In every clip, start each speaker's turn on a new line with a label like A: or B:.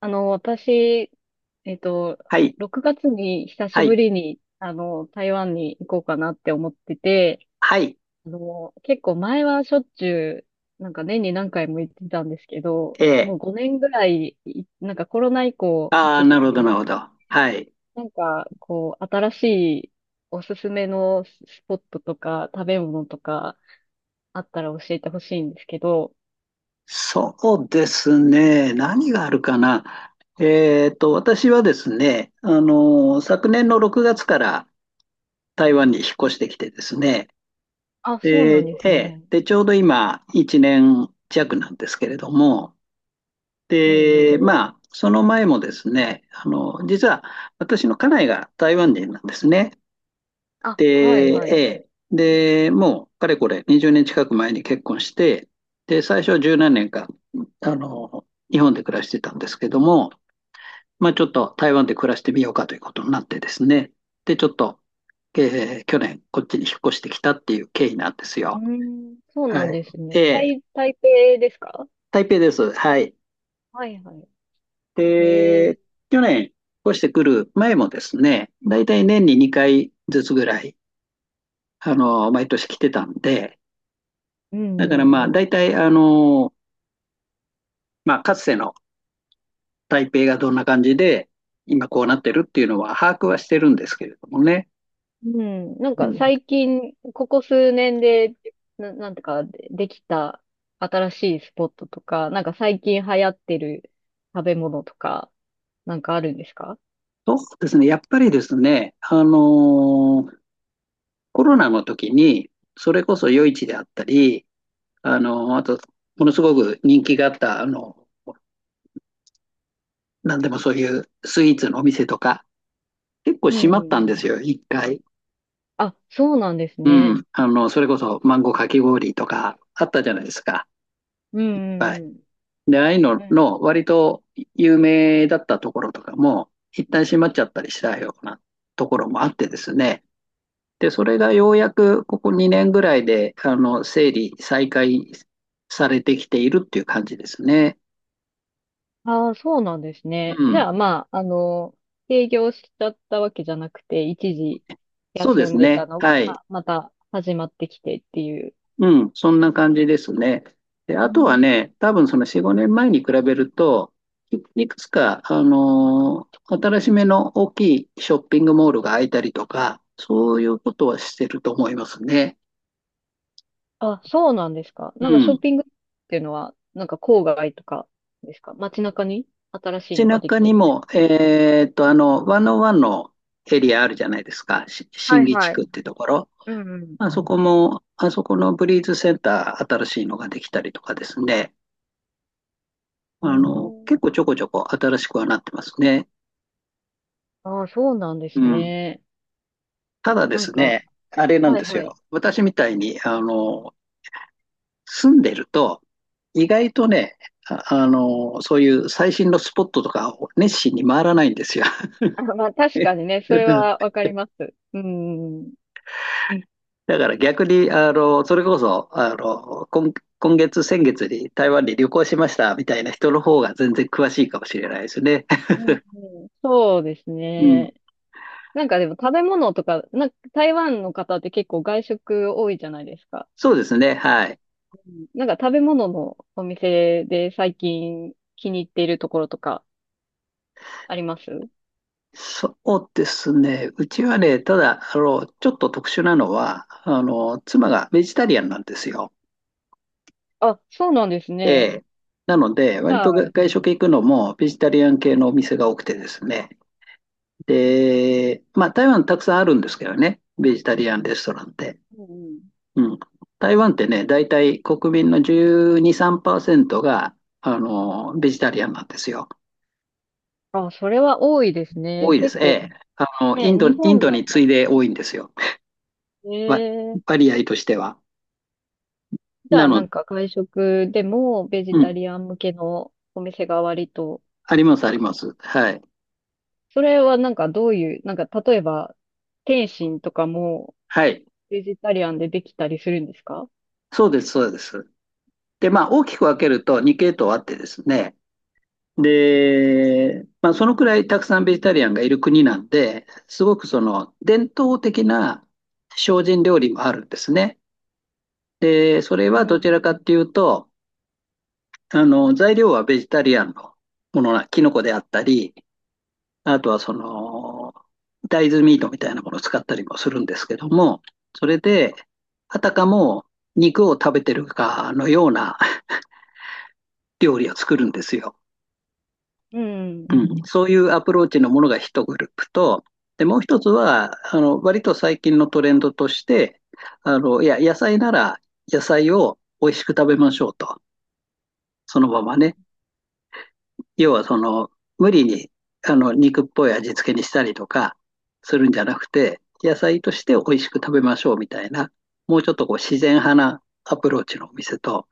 A: 私、えっと、
B: はい、
A: 6月に久
B: は
A: し
B: い、
A: ぶりに、台湾に行こうかなって思ってて、
B: はい、
A: 結構前はしょっちゅう、なんか年に何回も行ってたんですけど、
B: え
A: も
B: え、
A: う5年ぐらい、なんかコロナ以降、
B: あ
A: ちょ
B: あ、
A: っと
B: なる
A: 行
B: ほ
A: け
B: ど、
A: て
B: なる
A: な
B: ほ
A: い。
B: ど。はい。
A: なんか、こう、新しいおすすめのスポットとか、食べ物とか、あったら教えてほしいんですけど、
B: そうですね。何があるかな。私はですね、昨年の6月から台湾に引っ越してきてですね。
A: あ、そうなん
B: で、
A: で
B: え
A: す
B: え、
A: ね。
B: で、ちょうど今、1年弱なんですけれども、
A: うんう
B: で、
A: ん。
B: まあ、その前もですね、実は私の家内が台湾人なんですね。
A: あ、
B: で、
A: はいはい。
B: えーで、もう、かれこれ、20年近く前に結婚して、で、最初は十何年か、日本で暮らしてたんですけども、まあ、ちょっと台湾で暮らしてみようかということになってですね、で、ちょっと、去年、こっちに引っ越してきたっていう経緯なんです
A: う
B: よ。
A: ーん、そうな
B: は
A: ん
B: い。
A: ですね。
B: えー
A: 台北ですか？
B: 台北です。はい。
A: はいはい。へ
B: で、
A: え、
B: 去年、越してくる前もですね、だいたい年に2回ずつぐらい、毎年来てたんで、
A: う
B: だから
A: んうん。
B: まあ、だいたい、かつての台北がどんな感じで、今こうなってるっていうのは把握はしてるんですけれどもね。
A: うん、なん
B: う
A: か
B: ん。
A: 最近、ここ数年で、なんてか、できた新しいスポットとか、なんか最近流行ってる食べ物とか、なんかあるんですか？
B: そうですね、やっぱりですね、コロナの時に、それこそ夜市であったり、あと、ものすごく人気があった、なんでもそういうスイーツのお店とか、結構
A: う
B: 閉まっ
A: んう
B: た
A: ん。
B: んですよ、一回。
A: あ、そうなんです
B: う
A: ね。
B: ん。それこそマンゴーかき氷とかあったじゃないですか、
A: うん
B: いっぱい。
A: うん
B: で、ああいうの
A: うん。
B: の割と有名だったところとかも、一旦閉まっちゃったりしたようなところもあってですね。で、それがようやくここ2年ぐらいで、整理、再開されてきているっていう感じですね。
A: ああ、そうなんです
B: う
A: ね。じゃ
B: ん。
A: あ、まあ、営業しちゃったわけじゃなくて、一時
B: そうで
A: 休
B: す
A: んで
B: ね。
A: たのが、
B: はい。
A: また始まってきてっていう。
B: うん、そんな感じですね。で、
A: う
B: あとは
A: ん。
B: ね、多分その4、5年前に比べると、い、いくつか、新しめの大きいショッピングモールが開いたりとか、そういうことはしてると思いますね。
A: あ、そうなんですか。
B: う
A: なんかショッ
B: ん。
A: ピングっていうのは、なんか郊外とかですか？街中に新しい
B: 街
A: のがで
B: 中
A: きて
B: に
A: るんです
B: も、1ワンのエリアあるじゃないですか。
A: か？は
B: 新
A: い
B: 木地
A: はい。
B: 区ってところ。
A: うんうん。
B: まあそこも、あそこのブリーズセンター、新しいのができたりとかですね。
A: うー
B: 結
A: ん。
B: 構ちょこちょこ新しくはなってますね。
A: ああ、そうなんで
B: う
A: す
B: ん。
A: ね。
B: ただで
A: なん
B: す
A: か、
B: ね、あれなん
A: はい
B: です
A: はい。
B: よ。私みたいに、住んでると、意外とね、そういう最新のスポットとかを熱心に回らないんですよ。
A: あ、まあ、確かにね、それは わかります。うん。
B: だから逆に、あの、それこそ、あの、今、今月、先月に台湾に旅行しましたみたいな人の方が全然詳しいかもしれないですね。
A: うんうん、そうです
B: うん。
A: ね。なんかでも食べ物とか、なんか台湾の方って結構外食多いじゃないですか。
B: そうですね。はい。
A: うん。なんか食べ物のお店で最近気に入っているところとかあります？
B: そうですね。うちはね、ただ、ちょっと特殊なのは、妻がベジタリアンなんですよ。
A: あ、そうなんです
B: え
A: ね。
B: え。なので、
A: じ
B: 割
A: ゃ
B: と
A: あ、うん
B: 外食行くのもベジタリアン系のお店が多くてですね。で、まあ台湾たくさんあるんですけどね、ベジタリアンレストランって。
A: うん。
B: うん。台湾ってね、大体国民の12、3%が、ベジタリアンなんですよ。
A: あ、それは多いですね。
B: 多いで
A: 結
B: す。え
A: 構
B: え。
A: ね、日
B: イン
A: 本
B: ド
A: だ
B: に次い
A: と。
B: で多いんですよ。
A: え
B: わ
A: ー、
B: 割合としては。
A: じゃ
B: な
A: あな
B: の、
A: んか外食でもベジ
B: う
A: タ
B: ん。
A: リアン向けのお店が割と、
B: あります、あ
A: なん
B: り
A: か
B: ます。はい。
A: それはなんかどういう、なんか例えば、天津とかも
B: はい。
A: ベジタリアンでできたりするんですか？
B: そうです、そうです。で、まあ、大きく分けると2系統あってですね、で、まあ、そのくらいたくさんベジタリアンがいる国なんで、すごくその伝統的な精進料理もあるんですね。で、それ
A: う
B: はどちら
A: ん。
B: かっていうと、材料はベジタリアンのものな、キノコであったり、あとはその、大豆ミートみたいなものを使ったりもするんですけども、それで、あたかも肉を食べてるかのような料理を作るんですよ。
A: うん。
B: うん、そういうアプローチのものが一グループと、で、もう一つは、割と最近のトレンドとして、いや、野菜なら野菜を美味しく食べましょうと。そのままね。要はその、無理に、肉っぽい味付けにしたりとかするんじゃなくて、野菜として美味しく食べましょうみたいな、もうちょっとこう自然派なアプローチのお店と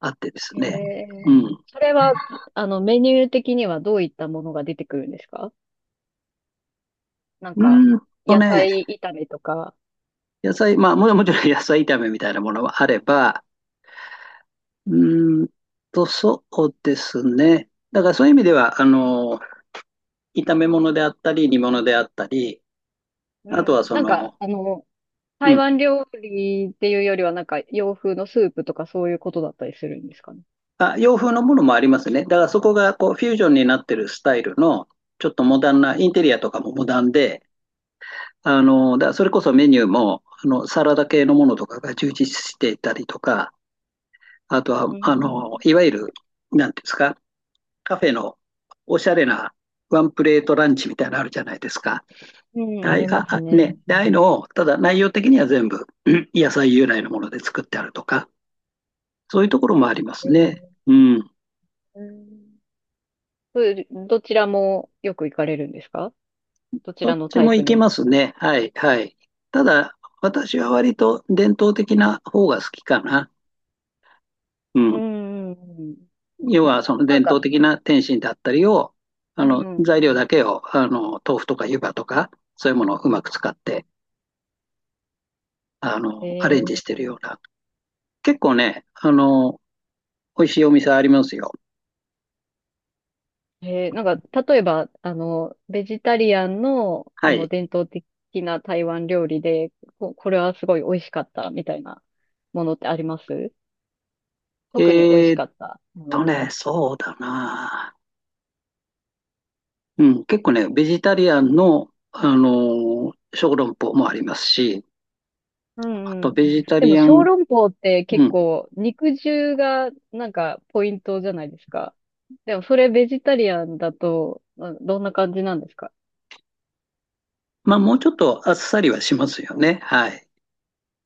B: あってです
A: へ
B: ね。
A: え。
B: う
A: それは、メニュー的にはどういったものが出てくるんですか？なん
B: ん。
A: か、
B: と
A: 野
B: ね、
A: 菜炒めとか。
B: 野菜、もちろん野菜炒めみたいなものはあれば、うーんそうですね。だからそういう意味では、炒め物であったり、煮物であったり、
A: う
B: あとは
A: ん。
B: そ
A: なんか、
B: の、う
A: 台
B: ん、
A: 湾料理っていうよりは、なんか洋風のスープとかそういうことだったりするんですかね。
B: あ、洋風のものもありますね。だからそこがこうフュージョンになってるスタイルの、ちょっとモダンな、インテリアとかもモダンで、だからそれこそメニューも、サラダ系のものとかが充実していたりとか、あとは、
A: うん。
B: いわゆる、なんていうんですか、カフェのおしゃれなワンプレートランチみたいなのあるじゃないですか。
A: うん、あ
B: はい、
A: りますね。
B: で、ああいうのを、ただ内容的には全部、うん野菜由来のもので作ってあるとか、そういうところもありま
A: え
B: すね。
A: ー
B: うん。
A: うん。そういうどちらもよく行かれるんですか？どち
B: ど
A: ら
B: っ
A: の
B: ち
A: タイ
B: も
A: プ
B: いけ
A: にも。
B: ますね。はい、はい。ただ、私は割と伝統的な方が好きかな。う
A: う
B: ん。
A: ん、うんうん。
B: 要は、その
A: なん
B: 伝
A: か、
B: 統的な点心だったりを、
A: うん。
B: 材料だけを、豆腐とか湯葉とか、そういうものをうまく使って、アレンジし
A: え
B: てるような。結構ね、美味しいお店ありますよ。
A: なんか、例えば、ベジタリアンの、
B: は
A: その
B: い。
A: 伝統的な台湾料理で、これはすごい美味しかったみたいなものってあります？特に美味し
B: えー
A: かったものとか。
B: そうだな。うん、結構ね、ベジタリアンの、小籠包もありますし、
A: う
B: あ
A: ん
B: と
A: う
B: ベ
A: ん。
B: ジタ
A: でも
B: リア
A: 小
B: ン、
A: 籠包って
B: う
A: 結
B: ん。
A: 構肉汁がなんかポイントじゃないですか。でもそれベジタリアンだとまあどんな感じなんですか？
B: まあ、もうちょっとあっさりはしますよね。はい。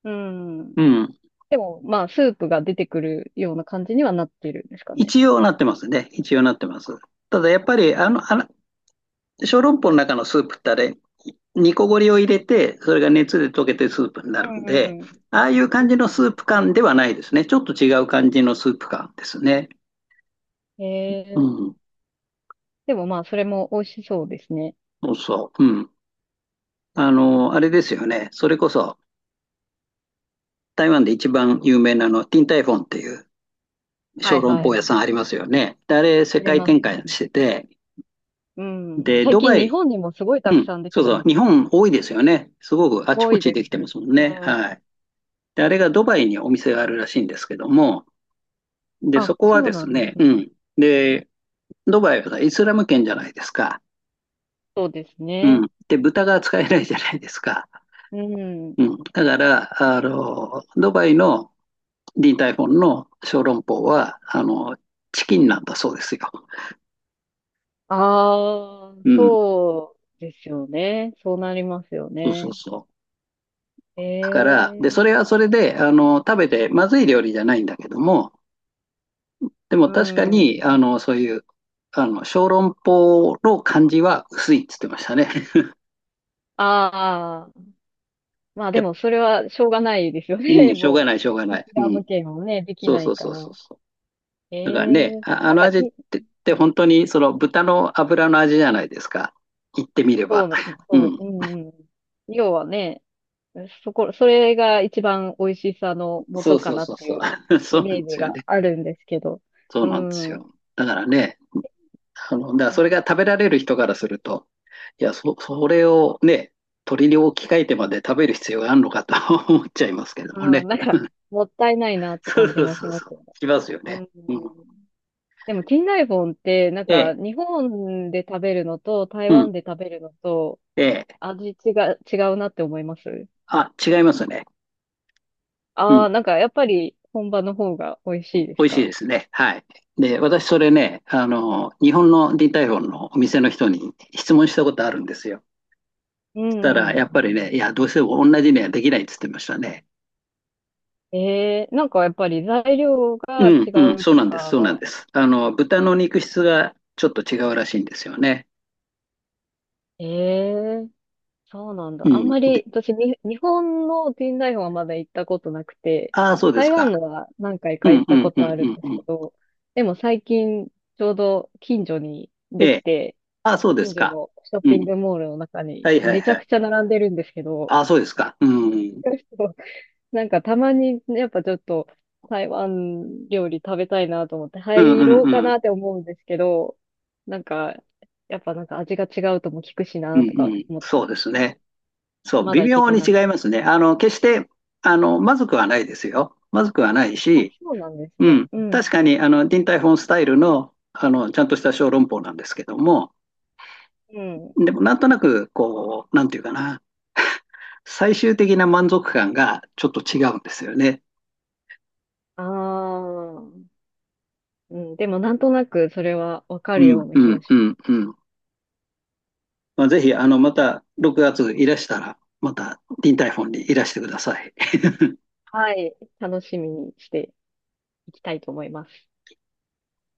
A: うん。
B: うん。
A: でもまあスープが出てくるような感じにはなってるんですかね。
B: 一応なってますね。一応なってます。ただやっぱり、小籠包の中のスープってあれ、煮こごりを入れて、それが熱で溶けてスープにな
A: う
B: るん
A: ん
B: で、
A: うん。
B: ああいう感じのス
A: う
B: ープ感ではないですね。ちょっと違う感じのスープ感ですね。
A: んへ
B: う
A: え。
B: ん。
A: でもまあそれも美味しそうですね。
B: そうそう。うん。あれですよね。それこそ、台湾で一番有名なあの、ティンタイフォンっていう
A: は
B: 小
A: い
B: 籠
A: は
B: 包
A: い。
B: 屋さんありますよね。で、あれ、世
A: あり
B: 界
A: ま
B: 展開
A: す。
B: してて、
A: うん。
B: で、
A: 最
B: ド
A: 近
B: バ
A: 日
B: イ、
A: 本にもすごいた
B: う
A: く
B: ん、
A: さんでき
B: そう
A: て
B: そう、
A: ます。
B: 日本多いですよね。すごく
A: す
B: あち
A: ご
B: こ
A: い
B: ち
A: で
B: で
A: す。
B: きてますもん
A: う
B: ね。
A: ん。
B: はい。で、あれがドバイにお店があるらしいんですけども、で、
A: あ、
B: そこは
A: そう
B: で
A: な
B: す
A: んで
B: ね、
A: すね。
B: うん。で、ドバイはイスラム圏じゃないですか。
A: そうです
B: う
A: ね。
B: ん。で、豚が使えないじゃないですか。
A: うん。
B: うん。だから、ドバイのリー・タイフォンの小籠包は、チキンなんだそうですよ。
A: ああ、
B: うん。
A: そうですよね。そうなりますよ
B: そうそう
A: ね。
B: そう。
A: え
B: だから、で、それは
A: え、
B: それで、食べてまずい料理じゃないんだけども、でも
A: う
B: 確か
A: ん。
B: に、あの、そういう、あの、小籠包の感じは薄いって言ってましたね。
A: ああ、まあ
B: や
A: で
B: っぱ
A: もそれはしょうがないですよ
B: う
A: ね。
B: ん、しょうが
A: も
B: ない、しょうが
A: う、
B: な
A: イス
B: い。う
A: ラ
B: ん。
A: ム圏もね、でき
B: そう
A: な
B: そ
A: い
B: う
A: か
B: そうそう
A: ら。
B: そう。
A: え
B: だからね、
A: え、
B: あ
A: なん
B: の
A: か
B: 味っ
A: て、
B: てって本当にその豚の油の味じゃないですか。言ってみれ
A: そう
B: ば。
A: な、
B: う
A: そ
B: ん。
A: う、うんうん。要はね、それが一番美味しさの
B: そう
A: 元か
B: そう
A: なっ
B: そう
A: て
B: そ
A: い
B: う。
A: う
B: そ
A: イ
B: うなん
A: メ
B: で
A: ージ
B: すよ
A: が
B: ね。
A: あるんですけど。
B: そう
A: う
B: なんですよ。
A: ん。
B: だからね、だから
A: う
B: それ
A: ん
B: が食べられる人からすると、いや、それをね、鳥に置き換えてまで食べる必要があるのかと 思っちゃいますけども
A: う
B: ね。
A: ん、なんか、もったいないなっ て
B: そう
A: 感じ
B: そう
A: もし
B: そう
A: ま
B: そ
A: す
B: う。
A: よね。
B: しますよ
A: う
B: ね。
A: ん。
B: うん。
A: でも、近代本って、なん
B: え
A: か、
B: え、
A: 日本で食べるのと、台
B: うん。
A: 湾で食べるのと、
B: ええ。
A: 味違うなって思います？
B: あ、違いますね。う
A: あ
B: ん。
A: あー、なんか、やっぱり、本場の方が美味しいで
B: 美
A: す
B: 味しい
A: か？
B: ですね。はい。で、私それね、日本のディータイフォンのお店の人に質問したことあるんですよ。
A: う
B: した
A: ん
B: ら、
A: う
B: や
A: ん。
B: っぱりね、いや、どうしても同じにはできないって言ってましたね。
A: ええ。なんか、やっぱり材料
B: う
A: が違
B: んうん、
A: う
B: そう
A: と
B: なんです、そうな
A: か？
B: んです。豚の肉質がちょっと違うらしいんですよね。
A: ええ。そうなん
B: う
A: だ。あ
B: ん。
A: んま
B: で、
A: り、私、日本のティンダイフはまだ行ったことなくて、
B: ああ、そうです
A: 台
B: か。
A: 湾のは何回
B: う
A: か行
B: ん
A: っ
B: う
A: た
B: ん
A: こ
B: う
A: とあるん
B: ん
A: で
B: う
A: す
B: んうん。
A: けど、でも最近、ちょうど近所に
B: え
A: でき
B: え。
A: て、
B: ああ、そうです
A: 近所
B: か。
A: のショッ
B: う
A: ピン
B: ん。
A: グモールの中に
B: はいはい
A: めちゃ
B: はい。
A: くちゃ並んでるんですけど、
B: ああ、そうですか。うん。
A: なんかたまに、やっぱちょっと台湾料理食べたいなと思って
B: うん
A: 入
B: うん
A: ろうか
B: うん。
A: なって思うんですけど、なんか、やっぱなんか味が違うとも聞くし
B: うん
A: なとか
B: うん。
A: 思って、
B: そうですね。そう、
A: ま
B: 微
A: だ行け
B: 妙
A: て
B: に
A: な
B: 違
A: く。
B: いますね。決して、まずくはないですよ。まずくはない
A: あ、
B: し、
A: そうなんです
B: う
A: ね。
B: ん。
A: う
B: 確
A: ん。
B: かに、ディンタイフォンスタイルの、ちゃんとした小籠包なんですけども、
A: うん。
B: でも、なんとなく、こう、なんていうかな。最終的な満足感がちょっと違うんですよね。
A: ああ。うん。でも、なんとなくそれはわか
B: う
A: る
B: ん、
A: ような
B: う
A: 気が
B: ん、
A: し
B: う
A: ます。
B: ん、うん。まあ、ぜひ、また6月いらしたら、また、リンタイフォンにいらしてください。
A: はい。楽しみにしていきたいと思います。